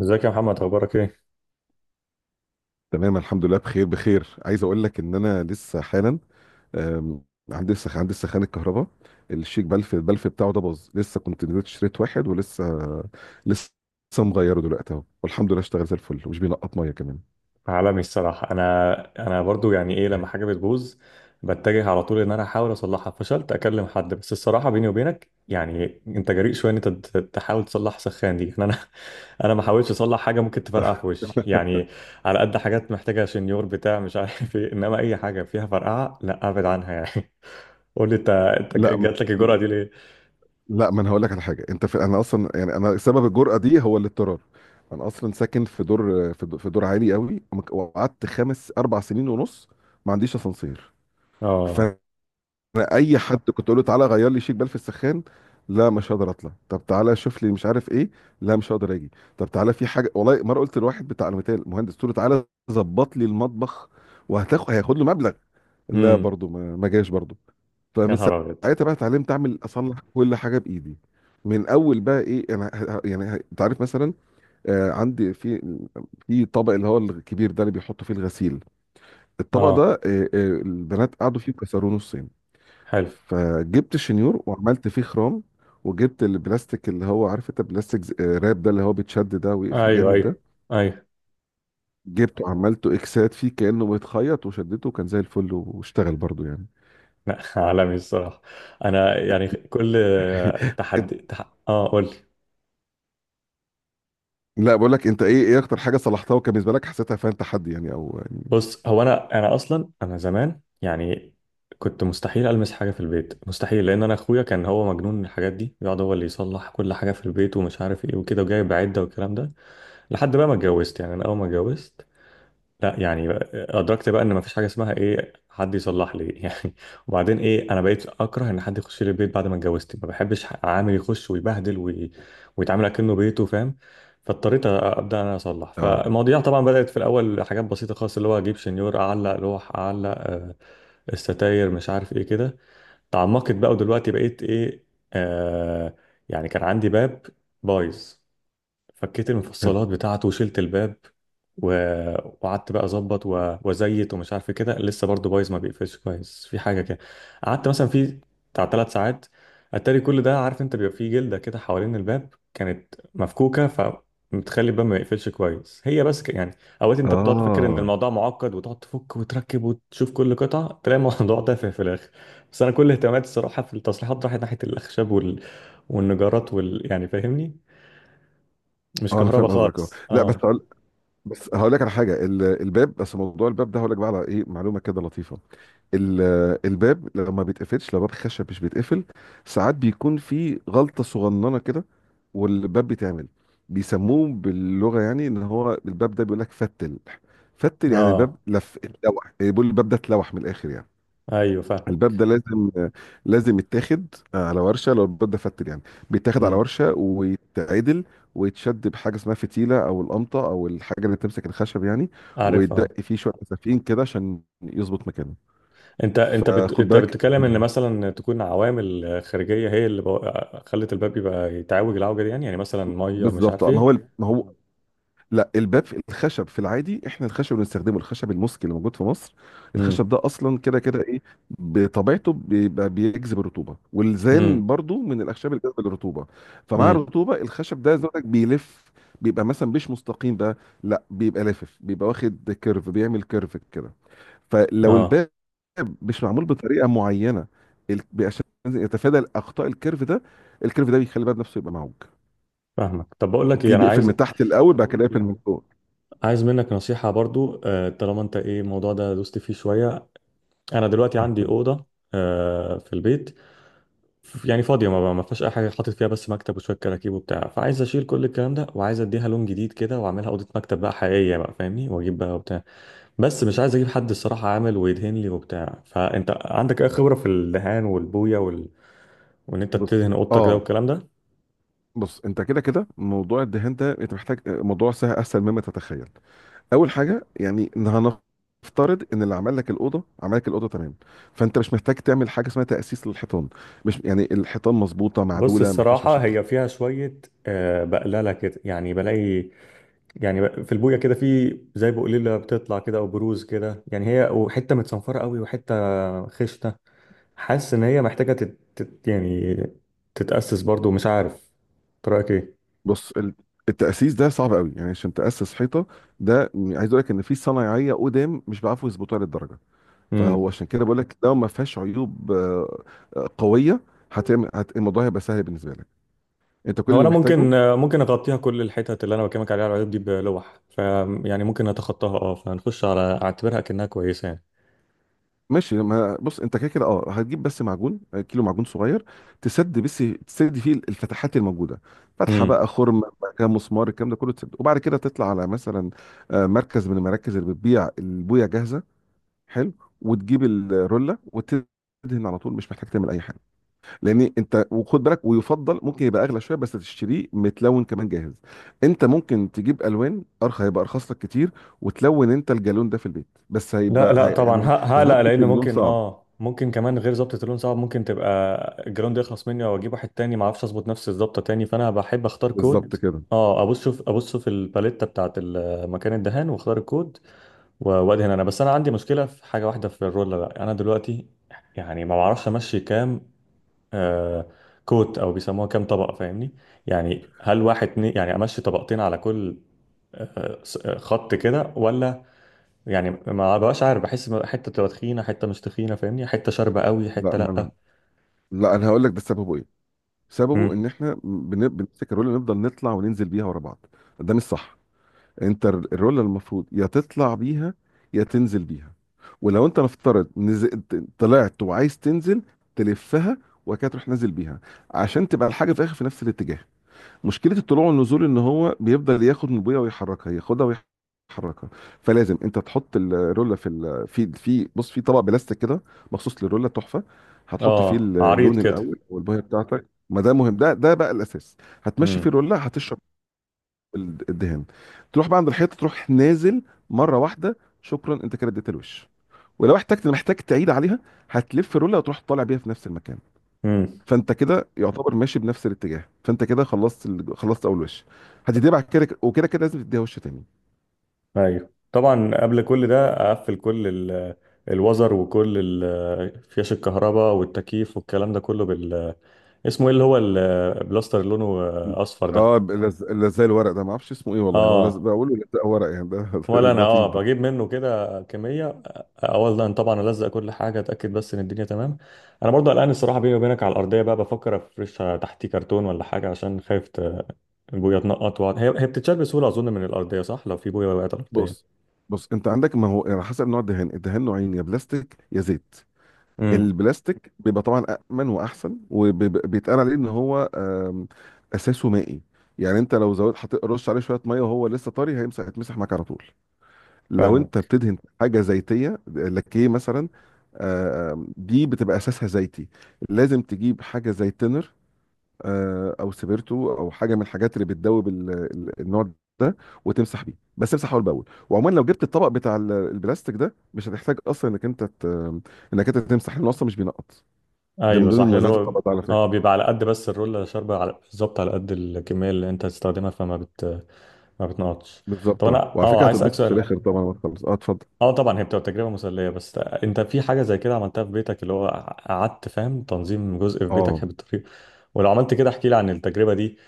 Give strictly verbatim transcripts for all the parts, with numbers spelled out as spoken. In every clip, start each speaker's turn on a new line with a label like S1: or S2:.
S1: ازيك يا محمد، اخبارك ايه؟
S2: تمام، الحمد لله، بخير بخير. عايز اقول لك ان انا لسه حالا آم، عندي سخ عندي سخان الكهرباء، الشيك بلف البلف بتاعه ده باظ. لسه كنت نزلت اشتريت واحد، ولسه لسه مغيره دلوقتي اهو، والحمد لله اشتغل زي الفل ومش بينقط ميه كمان.
S1: عالمي الصراحه، انا انا برضو يعني ايه لما حاجه بتبوظ، بتجه على طول ان انا احاول اصلحها، فشلت اكلم حد. بس الصراحه بيني وبينك، يعني انت جريء شويه ان انت ت- تحاول تصلح سخان دي، يعني انا. انا ما حاولتش اصلح حاجه ممكن تفرقع في وشي يعني، على قد حاجات محتاجه شنيور بتاع مش عارف ايه، انما اي حاجه فيها فرقعه لا، ابعد عنها يعني. قول لي انت، انت
S2: لا م-
S1: جات لك الجرأه دي ليه؟
S2: لا، ما انا هقول لك على حاجه. انت في انا اصلا، يعني انا سبب الجرأه دي هو الاضطرار. انا اصلا ساكن في دور في دور في دور عالي قوي، وقعدت خمس اربع سنين ونص ما عنديش اسانسير.
S1: اه.
S2: انا اي حد كنت اقول له تعالى غير لي شيك بال في السخان: لا، مش هقدر اطلع. طب تعالى شوف لي مش عارف ايه: لا، مش هقدر اجي. طب تعالى في حاجه، والله مره قلت لواحد بتاع المثال مهندس، قلت له تعالى ظبط لي المطبخ وهتاخد هياخد له مبلغ، لا
S1: امم
S2: برضه ما ما جاش برضه.
S1: يا
S2: فمن
S1: نهار ابيض.
S2: ساعتها بقى اتعلمت اعمل اصلح كل حاجه بايدي. من اول بقى ايه، انا ه- ه- يعني ه- انت عارف مثلا آه، عندي في في طبق، اللي هو الكبير ده اللي بيحطوا فيه الغسيل، الطبق
S1: اه.
S2: ده آه آه، البنات قعدوا فيه كسروه نصين.
S1: حلو.
S2: فجبت شنيور وعملت فيه خرام، وجبت البلاستيك اللي هو عارف انت بلاستيك ز- آه، راب ده، اللي هو بيتشد ده ويقفل
S1: ايوه
S2: جامد ده،
S1: ايوه. ايوه.
S2: جبته وعملته اكسات فيه كأنه بيتخيط، وشدته وكان زي الفل واشتغل برضو يعني.
S1: لا. عالمي الصراحة، أنا يعني كل تحدي تح... آه قول لي.
S2: لا، بقول لك انت، ايه ايه اكتر حاجه صلحتها وكان بالنسبه لك حسيتها فيها تحدي، يعني او يعني.
S1: بص هو أنا أنا أصلا أنا زمان يعني كنت مستحيل ألمس حاجة في البيت، مستحيل، لأن أنا أخويا كان هو مجنون الحاجات دي، يقعد هو اللي يصلح كل حاجة في البيت ومش عارف إيه وكده وجايب عدة والكلام ده. لحد بقى ما اتجوزت، يعني أنا أول ما اتجوزت، لا يعني ادركت بقى ان مفيش حاجه اسمها ايه حد يصلح لي يعني. وبعدين ايه، انا بقيت اكره ان حد يخش لي البيت بعد ما اتجوزت، ما بحبش عامل يخش ويبهدل وي... ويتعامل اكنه بيته، فاهم. فاضطريت أ- ابدا انا اصلح،
S2: اه.
S1: فالمواضيع طبعا بدات في الاول حاجات بسيطه خالص، اللي هو اجيب شنيور اعلق لوح اعلق آه، الستاير مش عارف ايه كده. تعمقت بقى ودلوقتي بقيت ايه، آه، يعني كان عندي باب بايظ، فكيت
S2: حلو.
S1: المفصلات بتاعته وشلت الباب و... وقعدت بقى اظبط و... وازيت ومش عارف إيه كده، لسه برضه بايظ ما بيقفلش كويس في حاجه كده. قعدت مثلا في بتاع ثلاث ساعات، اتاري كل ده عارف انت بيبقى فيه جلده كده حوالين الباب كانت مفكوكه، فمتخلي الباب ما يقفلش كويس هي بس ك... يعني. اوقات انت بتقعد فاكر ان
S2: اه،
S1: الموضوع معقد وتقعد تفك وتركب وتشوف كل قطعه، تلاقي الموضوع تافه في الاخر. بس انا كل اهتماماتي الصراحه في التصليحات راحت ناحيه الخشب وال... والنجارات وال... يعني فاهمني، مش
S2: اه، انا
S1: كهربا
S2: فاهم قصدك. اه
S1: خالص.
S2: لا، بس
S1: اه.
S2: هقول بس هقول لك على حاجه. ال- الباب، بس موضوع الباب ده هقول لك بقى على ايه معلومه كده لطيفه. ال- الباب لما بيتقفلش، لو باب خشب مش بيتقفل، ساعات بيكون في غلطة صغننة كده، والباب بيتعمل بيسموه باللغة، يعني ان هو الباب ده بيقول لك فتل. فتل يعني الباب
S1: اه.
S2: لف، اتلوح، بيقول الباب ده اتلوح من الاخر يعني.
S1: ايوه فاهم.
S2: الباب ده لازم لازم يتاخد على ورشة، لو الباب ده فتل يعني بيتاخد على
S1: امم
S2: ورشة ويتعدل، ويتشد بحاجة اسمها فتيلة او القمطة، او الحاجة اللي بتمسك الخشب يعني،
S1: عارف. اه.
S2: ويتدق فيه شوية مسافين كده عشان يظبط مكانه.
S1: انت انت بت...
S2: فخد
S1: انت
S2: بالك،
S1: بتتكلم ان مثلا تكون عوامل خارجيه هي اللي بو... خلت الباب يبقى يتعوج العوجه دي، يعني يعني مثلا ميه مش
S2: بالظبط.
S1: عارف
S2: آه، ما
S1: ايه.
S2: هو ال- ما هو لا، الباب الخشب في العادي، احنا الخشب اللي بنستخدمه الخشب المسك اللي موجود في مصر،
S1: امم
S2: الخشب ده اصلا كده كده ايه بطبيعته بيبقى بيجذب الرطوبه، والزان
S1: امم
S2: برضو من الاخشاب اللي بتجذب الرطوبه. فمع
S1: امم
S2: الرطوبه الخشب ده زودك بيلف، بيبقى مثلا مش مستقيم بقى، لا بيبقى لافف، بيبقى واخد كيرف، بيعمل كيرف كده. فلو
S1: اه
S2: الباب مش معمول بطريقه معينه ال- عشان يتفادى اخطاء الكيرف ده، الكيرف ده بيخلي الباب نفسه يبقى معوج،
S1: فاهمك. طب بقول لك ايه،
S2: تلاقيه
S1: انا
S2: بيقفل
S1: عايز
S2: من تحت الاول، بعد كده يقفل من فوق.
S1: عايز منك نصيحه برضو، آه، طالما انت ايه الموضوع ده دوست فيه شويه. انا دلوقتي عندي اوضه آه، في البيت، يعني فاضية، ما ما فيهاش أي حاجة، حاطط فيها بس مكتب وشوية كراكيب وبتاع، فعايز أشيل كل الكلام ده وعايز أديها لون جديد كده وأعملها أوضة مكتب بقى حقيقية بقى فاهمني، وأجيب بقى وبتاع. بس مش عايز أجيب حد الصراحة عامل ويدهن لي وبتاع، فأنت عندك أي خبرة في الدهان والبوية وال... وإن أنت
S2: بص
S1: تدهن أوضتك ده
S2: اه،
S1: والكلام ده؟
S2: بص انت كده كده موضوع الدهان ده انت محتاج، آه، موضوع سهل اسهل مما تتخيل. اول حاجه، يعني إن هنفترض ان اللي عمل لك الاوضه عمل لك الاوضه تمام، فانت مش محتاج تعمل حاجه اسمها تاسيس للحيطان، مش يعني الحيطان مظبوطه
S1: بص
S2: معدوله ما فيهاش
S1: الصراحة
S2: مشاكل.
S1: هي فيها شوية، آه، بقللة كده، يعني بلاقي يعني ب- في البوية كده في زي بقليلة بتطلع كده أو بروز كده، يعني هي وحتة متصنفرة قوي وحتة خشنة. حاسس ان هي محتاجه تت... تت... يعني تتاسس برضو، مش عارف، إنت رايك ايه؟
S2: بص، ال- التاسيس ده صعب قوي يعني، عشان تاسس حيطه ده عايز اقول لك ان في صنايعيه قدام مش بيعرفوا يظبطوها للدرجه. فهو
S1: امم
S2: عشان كده بقول لك لو ما فيهاش عيوب آه، آه، قويه، هتعمل هت... الموضوع هيبقى سهل بالنسبه لك. انت كل
S1: هو
S2: اللي
S1: انا
S2: محتاجه،
S1: ممكن، ممكن اغطيها كل الحتت اللي انا بكلمك عليها، على العيوب دي بلوح ف، يعني ممكن اتخطاها اه فنخش على اعتبرها كأنها كويسه يعني.
S2: ماشي ما بص، انت كده كده اه هتجيب بس معجون، آه، كيلو معجون صغير، تسد بس، تسد فيه الفتحات الموجوده، فتحه
S1: امم
S2: بقى خرم بقى كده، مسمار، الكلام ده كله تسد، وبعد كده تطلع على مثلا آه، مركز من المراكز اللي بتبيع البويه جاهزه. حلو. وتجيب الروله وتدهن على طول، مش محتاج تعمل اي حاجه، لان انت وخد بالك، ويفضل ممكن يبقى اغلى شويه بس تشتريه متلون كمان جاهز. انت ممكن تجيب الوان ارخص هيبقى ارخص لك كتير، وتلون انت الجالون ده في البيت، بس
S1: لا
S2: هيبقى
S1: لا
S2: هي
S1: طبعا، ه-
S2: يعني
S1: هقلق
S2: ظبط
S1: لان
S2: اللون
S1: ممكن
S2: صعب.
S1: اه ممكن كمان غير ظبطة اللون صعب، ممكن تبقى الجراوند يخلص مني او اجيب واحد تاني ما اعرفش اظبط نفس الظبطه تاني، فانا بحب اختار كود.
S2: بالظبط كده.
S1: اه ابص شوف، ابص في الباليتة بتاعت ال- مكان الدهان واختار الكود و- وادهن انا. بس انا عندي مشكله في حاجه واحده في الرولر بقى، انا دلوقتي يعني ما بعرفش امشي كام آه كوت او بيسموها كام طبقه، فاهمني، يعني هل واحد اتنين، يعني امشي طبقتين على كل آه س- آه، خط كده ولا، يعني ما بقاش عارف، بحس إن حته تبقى تخينه حته مش تخينه، فاهمني، حته شاربه قوي
S2: لا
S1: حته
S2: ما انا
S1: لا.
S2: لا، انا هقول لك ده سببه ايه. سببه
S1: امم
S2: ان احنا بن- بنمسك الرولة نفضل نطلع وننزل بيها ورا بعض، ده مش صح. انت الرول المفروض يا تطلع بيها يا تنزل بيها، ولو انت نفترض نز... طلعت وعايز تنزل تلفها، وبعد كده تروح نازل بيها، عشان تبقى الحاجه في الاخر في نفس الاتجاه. مشكله الطلوع والنزول ان هو بيفضل ياخد من ابويا ويحركها، ياخدها ويحركها. فلازم انت تحط الروله في ال... في في بص، في طبق بلاستيك كده مخصوص للروله تحفه، هتحط فيه
S1: اه عريض
S2: اللون
S1: كده.
S2: الاول والبويه بتاعتك، ما ده مهم، ده ده بقى الاساس، هتمشي فيه الروله، هتشرب ال- الدهان، تروح بقى عند الحيطه تروح نازل مره واحده. شكرا، انت كده اديت الوش. ولو احتجت محتاج تعيد عليها، هتلف رولة وتروح طالع بيها في نفس المكان،
S1: امم
S2: فانت كده يعتبر ماشي بنفس الاتجاه. فانت كده خلصت ال... خلصت اول وش، هتديها بعد كده، وكده كده لازم تديها وش تاني.
S1: ايوه طبعا، قبل كل ده اقفل كل ال- الوزر وكل ال- فيش الكهرباء والتكييف والكلام ده كله بال، اسمه ايه اللي هو البلاستر اللي لونه اصفر ده.
S2: اه، لز... لزق الورق ده ما اعرفش اسمه ايه والله، هو لز...
S1: اه.
S2: بقوله لزق ورق يعني، ده
S1: ولا انا
S2: لطيف
S1: اه
S2: ده.
S1: بجيب منه كده كميه، اولا طبعا الزق كل حاجه اتاكد بس ان الدنيا تمام. انا برضو قلقان الصراحه بيني وبينك على الارضيه بقى، بفكر افرشها تحتيه كرتون ولا حاجه، عشان خايف ت- البويه تنقط وقع- هي هي بتتشال بسهوله اظن من الارضيه، صح؟ لو في بويه وقعت على
S2: بص،
S1: الارضيه.
S2: بص انت عندك، ما هو على حسب نوع الدهان، الدهان نوعين: يا بلاستيك يا زيت.
S1: امم
S2: البلاستيك بيبقى طبعا امن واحسن، وبيتقال عليه ان هو آم، اساسه مائي، يعني انت لو زودت حطيت رش عليه شويه ميه وهو لسه طري، هيمسح هيتمسح معاك على طول. لو انت
S1: فاهمك.
S2: بتدهن حاجه زيتيه، لكيه مثلا، آم، دي بتبقى اساسها زيتي، لازم تجيب حاجه زي تنر، آه، او سبيرتو، او حاجه من الحاجات اللي بتدوب ال- ال- النوع ده، وتمسح بيه، بس امسح اول باول. وعموما لو جبت الطبق بتاع ال- البلاستيك ده مش هتحتاج اصلا انك انت ت- انك انت تمسح، لانه اصلا مش بينقط، ده من
S1: ايوه
S2: ضمن
S1: صح، لان
S2: مميزات
S1: هو
S2: الطبق ده على
S1: اه
S2: فكره.
S1: بيبقى على قد بس الرولة شاربة على بالظبط على قد الكمية اللي انت هتستخدمها، فما بت ما بتنقطش. طب
S2: بالظبط
S1: انا
S2: اه، وعلى
S1: اه
S2: فكره
S1: عايز اسالك
S2: هتتبسط في
S1: سؤال،
S2: الاخر طبعا لما تخلص اه. اتفضل.
S1: اه طبعا هي بتبقى تجربة مسلية، بس انت في حاجة زي كده عملتها في بيتك، اللي هو قعدت فاهم تنظيم جزء في
S2: اه
S1: بيتك بالطريقة، ولو عملت كده احكي لي عن التجربة دي،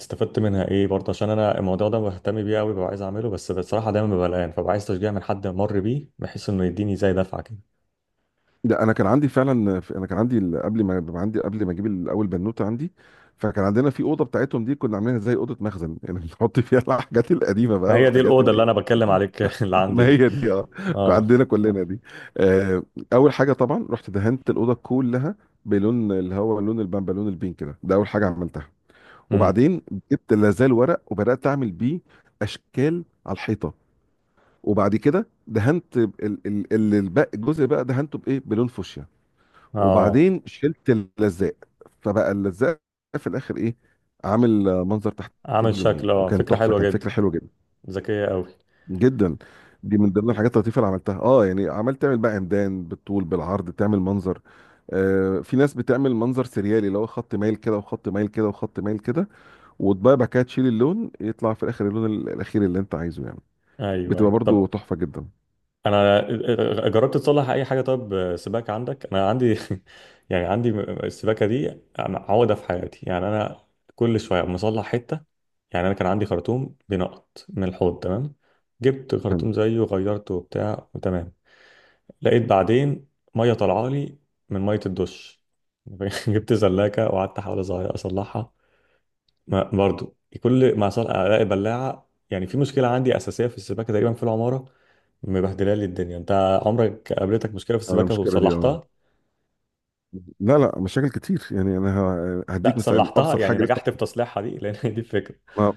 S1: استفدت منها ايه برضه، عشان انا الموضوع ده بهتم بيه قوي، ببقى عايز اعمله بس بصراحة دايما ببقى قلقان، فببقى عايز تشجيع من حد مر بيه بحيث انه يديني زي دفعة كده.
S2: لا، انا كان عندي فعلا انا كان عندي ال- قبل ما ما عندي قبل ما اجيب الاول بنوته عندي، فكان عندنا في اوضه بتاعتهم دي، كنا عاملينها زي اوضه مخزن، يعني بنحط فيها الحاجات القديمه
S1: ما
S2: بقى
S1: هي دي
S2: والحاجات
S1: الأوضة اللي
S2: اللي...
S1: انا بتكلم عليك اللي عندي
S2: ما
S1: دي.
S2: هي دي اه، كان
S1: اه.
S2: عندنا كلنا دي آه. اول حاجه طبعا رحت دهنت الاوضه كلها بلون اللي هو لون البامبا، لون البينك ده، ده اول حاجه عملتها.
S1: إمم.
S2: وبعدين جبت لازال ورق، وبدات اعمل بيه اشكال على الحيطه، وبعد كده دهنت ب- ال- ال- ال- الباقي، الجزء بقى دهنته بايه، بلون فوشيا.
S1: اه.
S2: وبعدين شلت اللزاق، فبقى اللزاق في الاخر ايه، عامل آه، منظر تحتي
S1: عامل
S2: بلونين،
S1: شكل اه،
S2: وكان
S1: فكرة
S2: تحفه،
S1: حلوة
S2: كان
S1: جدا.
S2: فكره حلوه جدا
S1: ذكية قوي.
S2: جدا. دي من ضمن الحاجات اللطيفه اللي عملتها اه، يعني عملت تعمل بقى عمدان بالطول بالعرض، تعمل منظر. آه في ناس بتعمل منظر سريالي، اللي هو خط مايل كده وخط مايل كده وخط مايل كده، وتبقى بعد كده تشيل اللون، يطلع في الاخر اللون ال- الاخير اللي انت عايزه يعني،
S1: ايوه
S2: بتبقى
S1: ايوه.
S2: برضو
S1: طب
S2: تحفه جدا.
S1: انا آه، آه، جربت تصلح اي حاجة، طب سباكة عندك، انا عندي يعني عندي السباكة دي. أنا عقدة في حياتي، يعني انا كل شوية مصلح حتة. يعني انا كان عندي خرطوم بينقط من الحوض، تمام جبت خرطوم زيه غيرته وبتاع وتمام. لقيت بعدين مية طالعة لي من مية الدش، جبت زلاكة وقعدت احاول أصغير- اصلحها، ما برضو كل ما صار الاقي بلاعه، يعني في مشكله عندي اساسيه في السباكه تقريبا في العماره، مبهدله لي الدنيا. انت عمرك قابلتك مشكله في
S2: انا
S1: السباكه
S2: المشكله دي اه،
S1: وصلحتها؟
S2: لا لا، مشاكل كتير يعني انا ه-
S1: لا
S2: هديك مثال
S1: صلحتها
S2: ابسط
S1: يعني
S2: حاجه لسه.
S1: نجحت في تصليحها دي لان هي دي الفكره.
S2: ما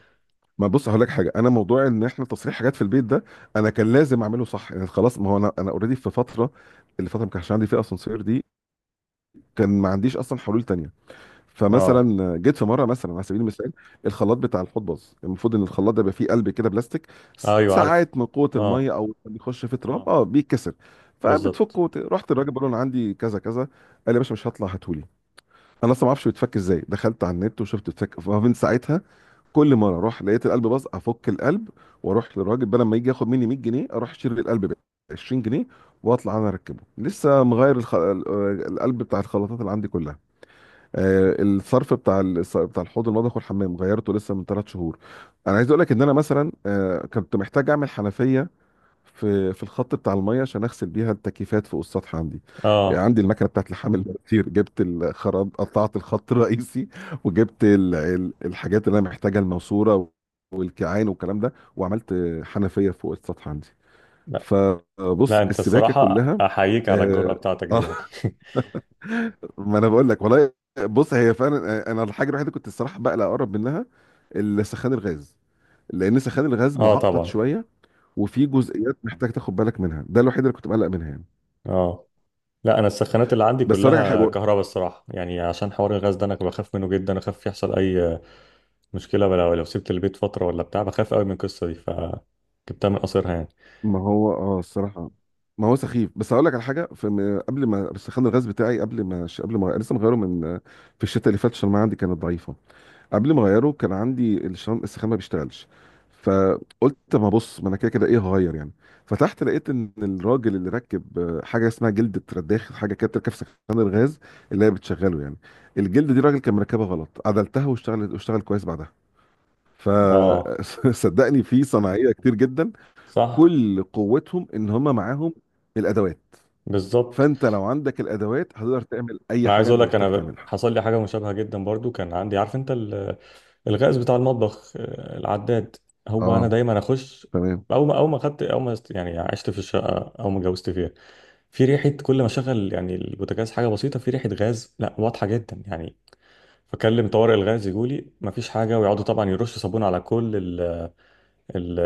S2: ما بص، هقول لك حاجه، انا موضوع ان احنا تصريح حاجات في البيت ده انا كان لازم اعمله صح يعني، خلاص ما هو انا انا اوريدي في فتره، اللي فتره ما كانش عندي فيها اسانسير دي كان ما عنديش اصلا حلول تانية.
S1: اه.
S2: فمثلا جيت في مره، مثلا على سبيل المثال، الخلاط بتاع الحوض باظ، المفروض ان الخلاط ده يبقى فيه قلب كده بلاستيك،
S1: ايوه عارف.
S2: ساعات من قوه
S1: اه.
S2: الميه او بيخش في تراب اه اه بيتكسر.
S1: بالظبط.
S2: فبتفكه وت- رحت الراجل بقول له انا عندي كذا كذا، قال لي يا باشا مش هطلع هاتهولي. انا اصلا ما اعرفش بيتفك ازاي، دخلت على النت وشفت بيتفك، فمن ساعتها كل مره اروح لقيت القلب باظ افك القلب، واروح للراجل، بدل ما يجي ياخد مني مية جنيه اروح اشتري القلب ب عشرين جنيه واطلع انا اركبه. لسه مغير الخ... ال- آه، القلب بتاع الخلاطات اللي عندي كلها. آه، الصرف بتاع ال... بتاع الحوض المطبخ والحمام غيرته لسه من ثلاث شهور. انا عايز اقول لك ان انا مثلا آه، كنت محتاج اعمل حنفيه في في الخط بتاع الميه عشان اغسل بيها التكييفات فوق السطح عندي، يعني
S1: اه.
S2: عندي المكنه بتاعت لحام المواتير، جبت الخراب قطعت الخط الرئيسي، وجبت ال... ال- الحاجات اللي انا محتاجها: الماسوره والكيعان والكلام ده، وعملت حنفيه فوق السطح عندي.
S1: لا
S2: فبص،
S1: لا انت
S2: السباكه
S1: الصراحه
S2: كلها.
S1: احييك على الجرأه
S2: اه
S1: بتاعتك دي
S2: آه،
S1: يعني.
S2: ما انا بقول لك والله. بص، هي فعلا انا الحاجه الوحيده كنت الصراحه بقلق اقرب منها السخان الغاز، لان سخان الغاز
S1: اه
S2: معقد
S1: طبعا.
S2: شويه، وفي جزئيات محتاج تاخد بالك منها، ده الوحيد اللي كنت مقلق منها يعني.
S1: اه لا انا السخانات اللي عندي
S2: بس اقول لك على
S1: كلها
S2: حاجه،
S1: كهرباء الصراحه يعني، عشان حوار الغاز ده انا بخاف منه جدا، اخاف يحصل اي مشكلة لو لو سبت البيت فترة ولا بتاع، بخاف قوي من القصة دي، فجبتها من قصرها يعني.
S2: ما هو اه الصراحه ما هو سخيف. بس اقول لك على حاجه، في م- قبل ما بس خان الغاز بتاعي قبل ما ش- قبل ما لسه مغيره من في الشتاء اللي فات، عشان ما عندي كانت ضعيفه. قبل ما اغيره كان عندي الشان السخان ما بيشتغلش، فقلت طب ما بص، ما انا كده كده ايه هغير يعني. فتحت لقيت ان الراجل اللي ركب آه، حاجه اسمها جلده رداخ، حاجه كده بتركب في سخان الغاز، اللي هي بتشغله يعني، الجلد دي الراجل كان مركبها غلط، عدلتها واشتغلت، واشتغل كويس بعدها.
S1: اه.
S2: فصدقني في صناعيه كتير جدا،
S1: صح.
S2: كل قوتهم ان هم معاهم الادوات،
S1: بالظبط.
S2: فانت لو عندك الادوات هتقدر تعمل اي
S1: انا عايز
S2: حاجه
S1: اقول
S2: انت
S1: لك
S2: محتاج
S1: انا ب-
S2: تعملها.
S1: حصل لي حاجة مشابهة جدا برضو، كان عندي عارف انت ال- الغاز بتاع المطبخ، آه، العداد، هو انا
S2: اه
S1: دايما اخش
S2: تمام.
S1: اول ما اول ما خدت اول ما است- يعني عشت في الشقة او ما اتجوزت فيها، في ريحة كل ما اشغل يعني البوتاجاز حاجة بسيطة، في ريحة غاز لا واضحة جدا يعني. فكلم طوارئ الغاز، يجولي مفيش حاجة، ويقعدوا طبعا يرشوا صابون على كل ال-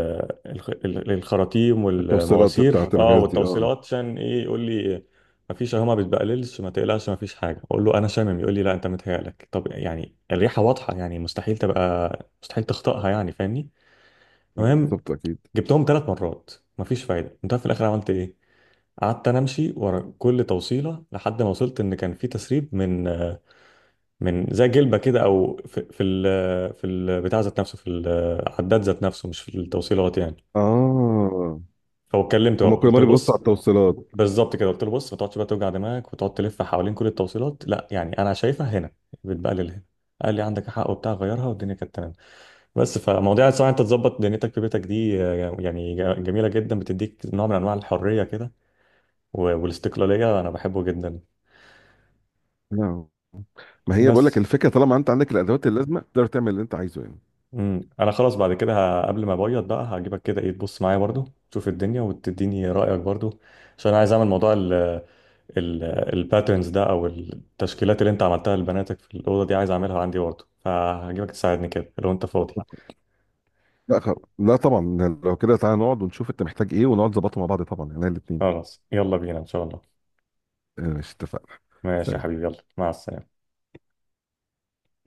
S1: الخ- ال- الخراطيم
S2: التوصيلات
S1: والمواسير
S2: بتاعت
S1: اه
S2: الغاز دي اه،
S1: والتوصيلات، عشان ايه، يقول لي مفيش اهو ما بتبقللش، ما تقلقش مفيش حاجه. اقول له انا شامم، يقول لي لا انت متهيألك. طب يعني الريحه واضحه يعني مستحيل تبقى، مستحيل تخطئها يعني فاهمني. المهم
S2: بالظبط اكيد.
S1: جبتهم ثلاث مرات، مفيش فايده. انت في الاخر عملت ايه؟ قعدت انا امشي ورا كل توصيله لحد ما وصلت ان كان في تسريب من من زي جلبه كده، او في في ال في البتاع ذات نفسه، في العداد ذات نفسه، مش في التوصيلات يعني.
S2: اه،
S1: هو اتكلمت بقى
S2: هما كل
S1: قلت له
S2: مره بيبصوا على
S1: بص،
S2: التوصيلات.
S1: بالظبط كده، قلت له بص ما تقعدش بقى توجع دماغك وتقعد تلف حوالين كل التوصيلات، لا يعني انا شايفها هنا، بتبقى لل هنا. قال لي عندك حق وبتاع، غيرها والدنيا كانت تمام. بس فمواضيع الصراحه انت تظبط دنيتك في بيتك دي آه، يعني ج- جميله جدا، بتديك نوع من انواع الحريه كده و- والاستقلاليه، انا بحبه جدا.
S2: نعم، ما هي بقول لك
S1: بس
S2: الفكره، طالما انت عندك الادوات اللازمه تقدر تعمل اللي انت عايزه يعني.
S1: امم انا خلاص بعد كده، ه- قبل ما ابيض بقى هجيبك كده ايه، تبص معايا برضو، تشوف الدنيا وتديني رايك برضو، عشان انا عايز اعمل موضوع الباترنز ده او التشكيلات اللي انت عملتها لبناتك في الاوضه دي عايز اعملها عندي برضه، فهجيبك تساعدني كده لو انت فاضي.
S2: لا خ... لا طبعا، لو كده تعالى نقعد ونشوف انت محتاج ايه، ونقعد نظبطه مع بعض طبعا يعني الاثنين.
S1: خلاص يلا بينا ان شاء الله.
S2: ماشي، اتفقنا.
S1: ماشي يا
S2: سلام.
S1: حبيبي، يلا مع السلامه.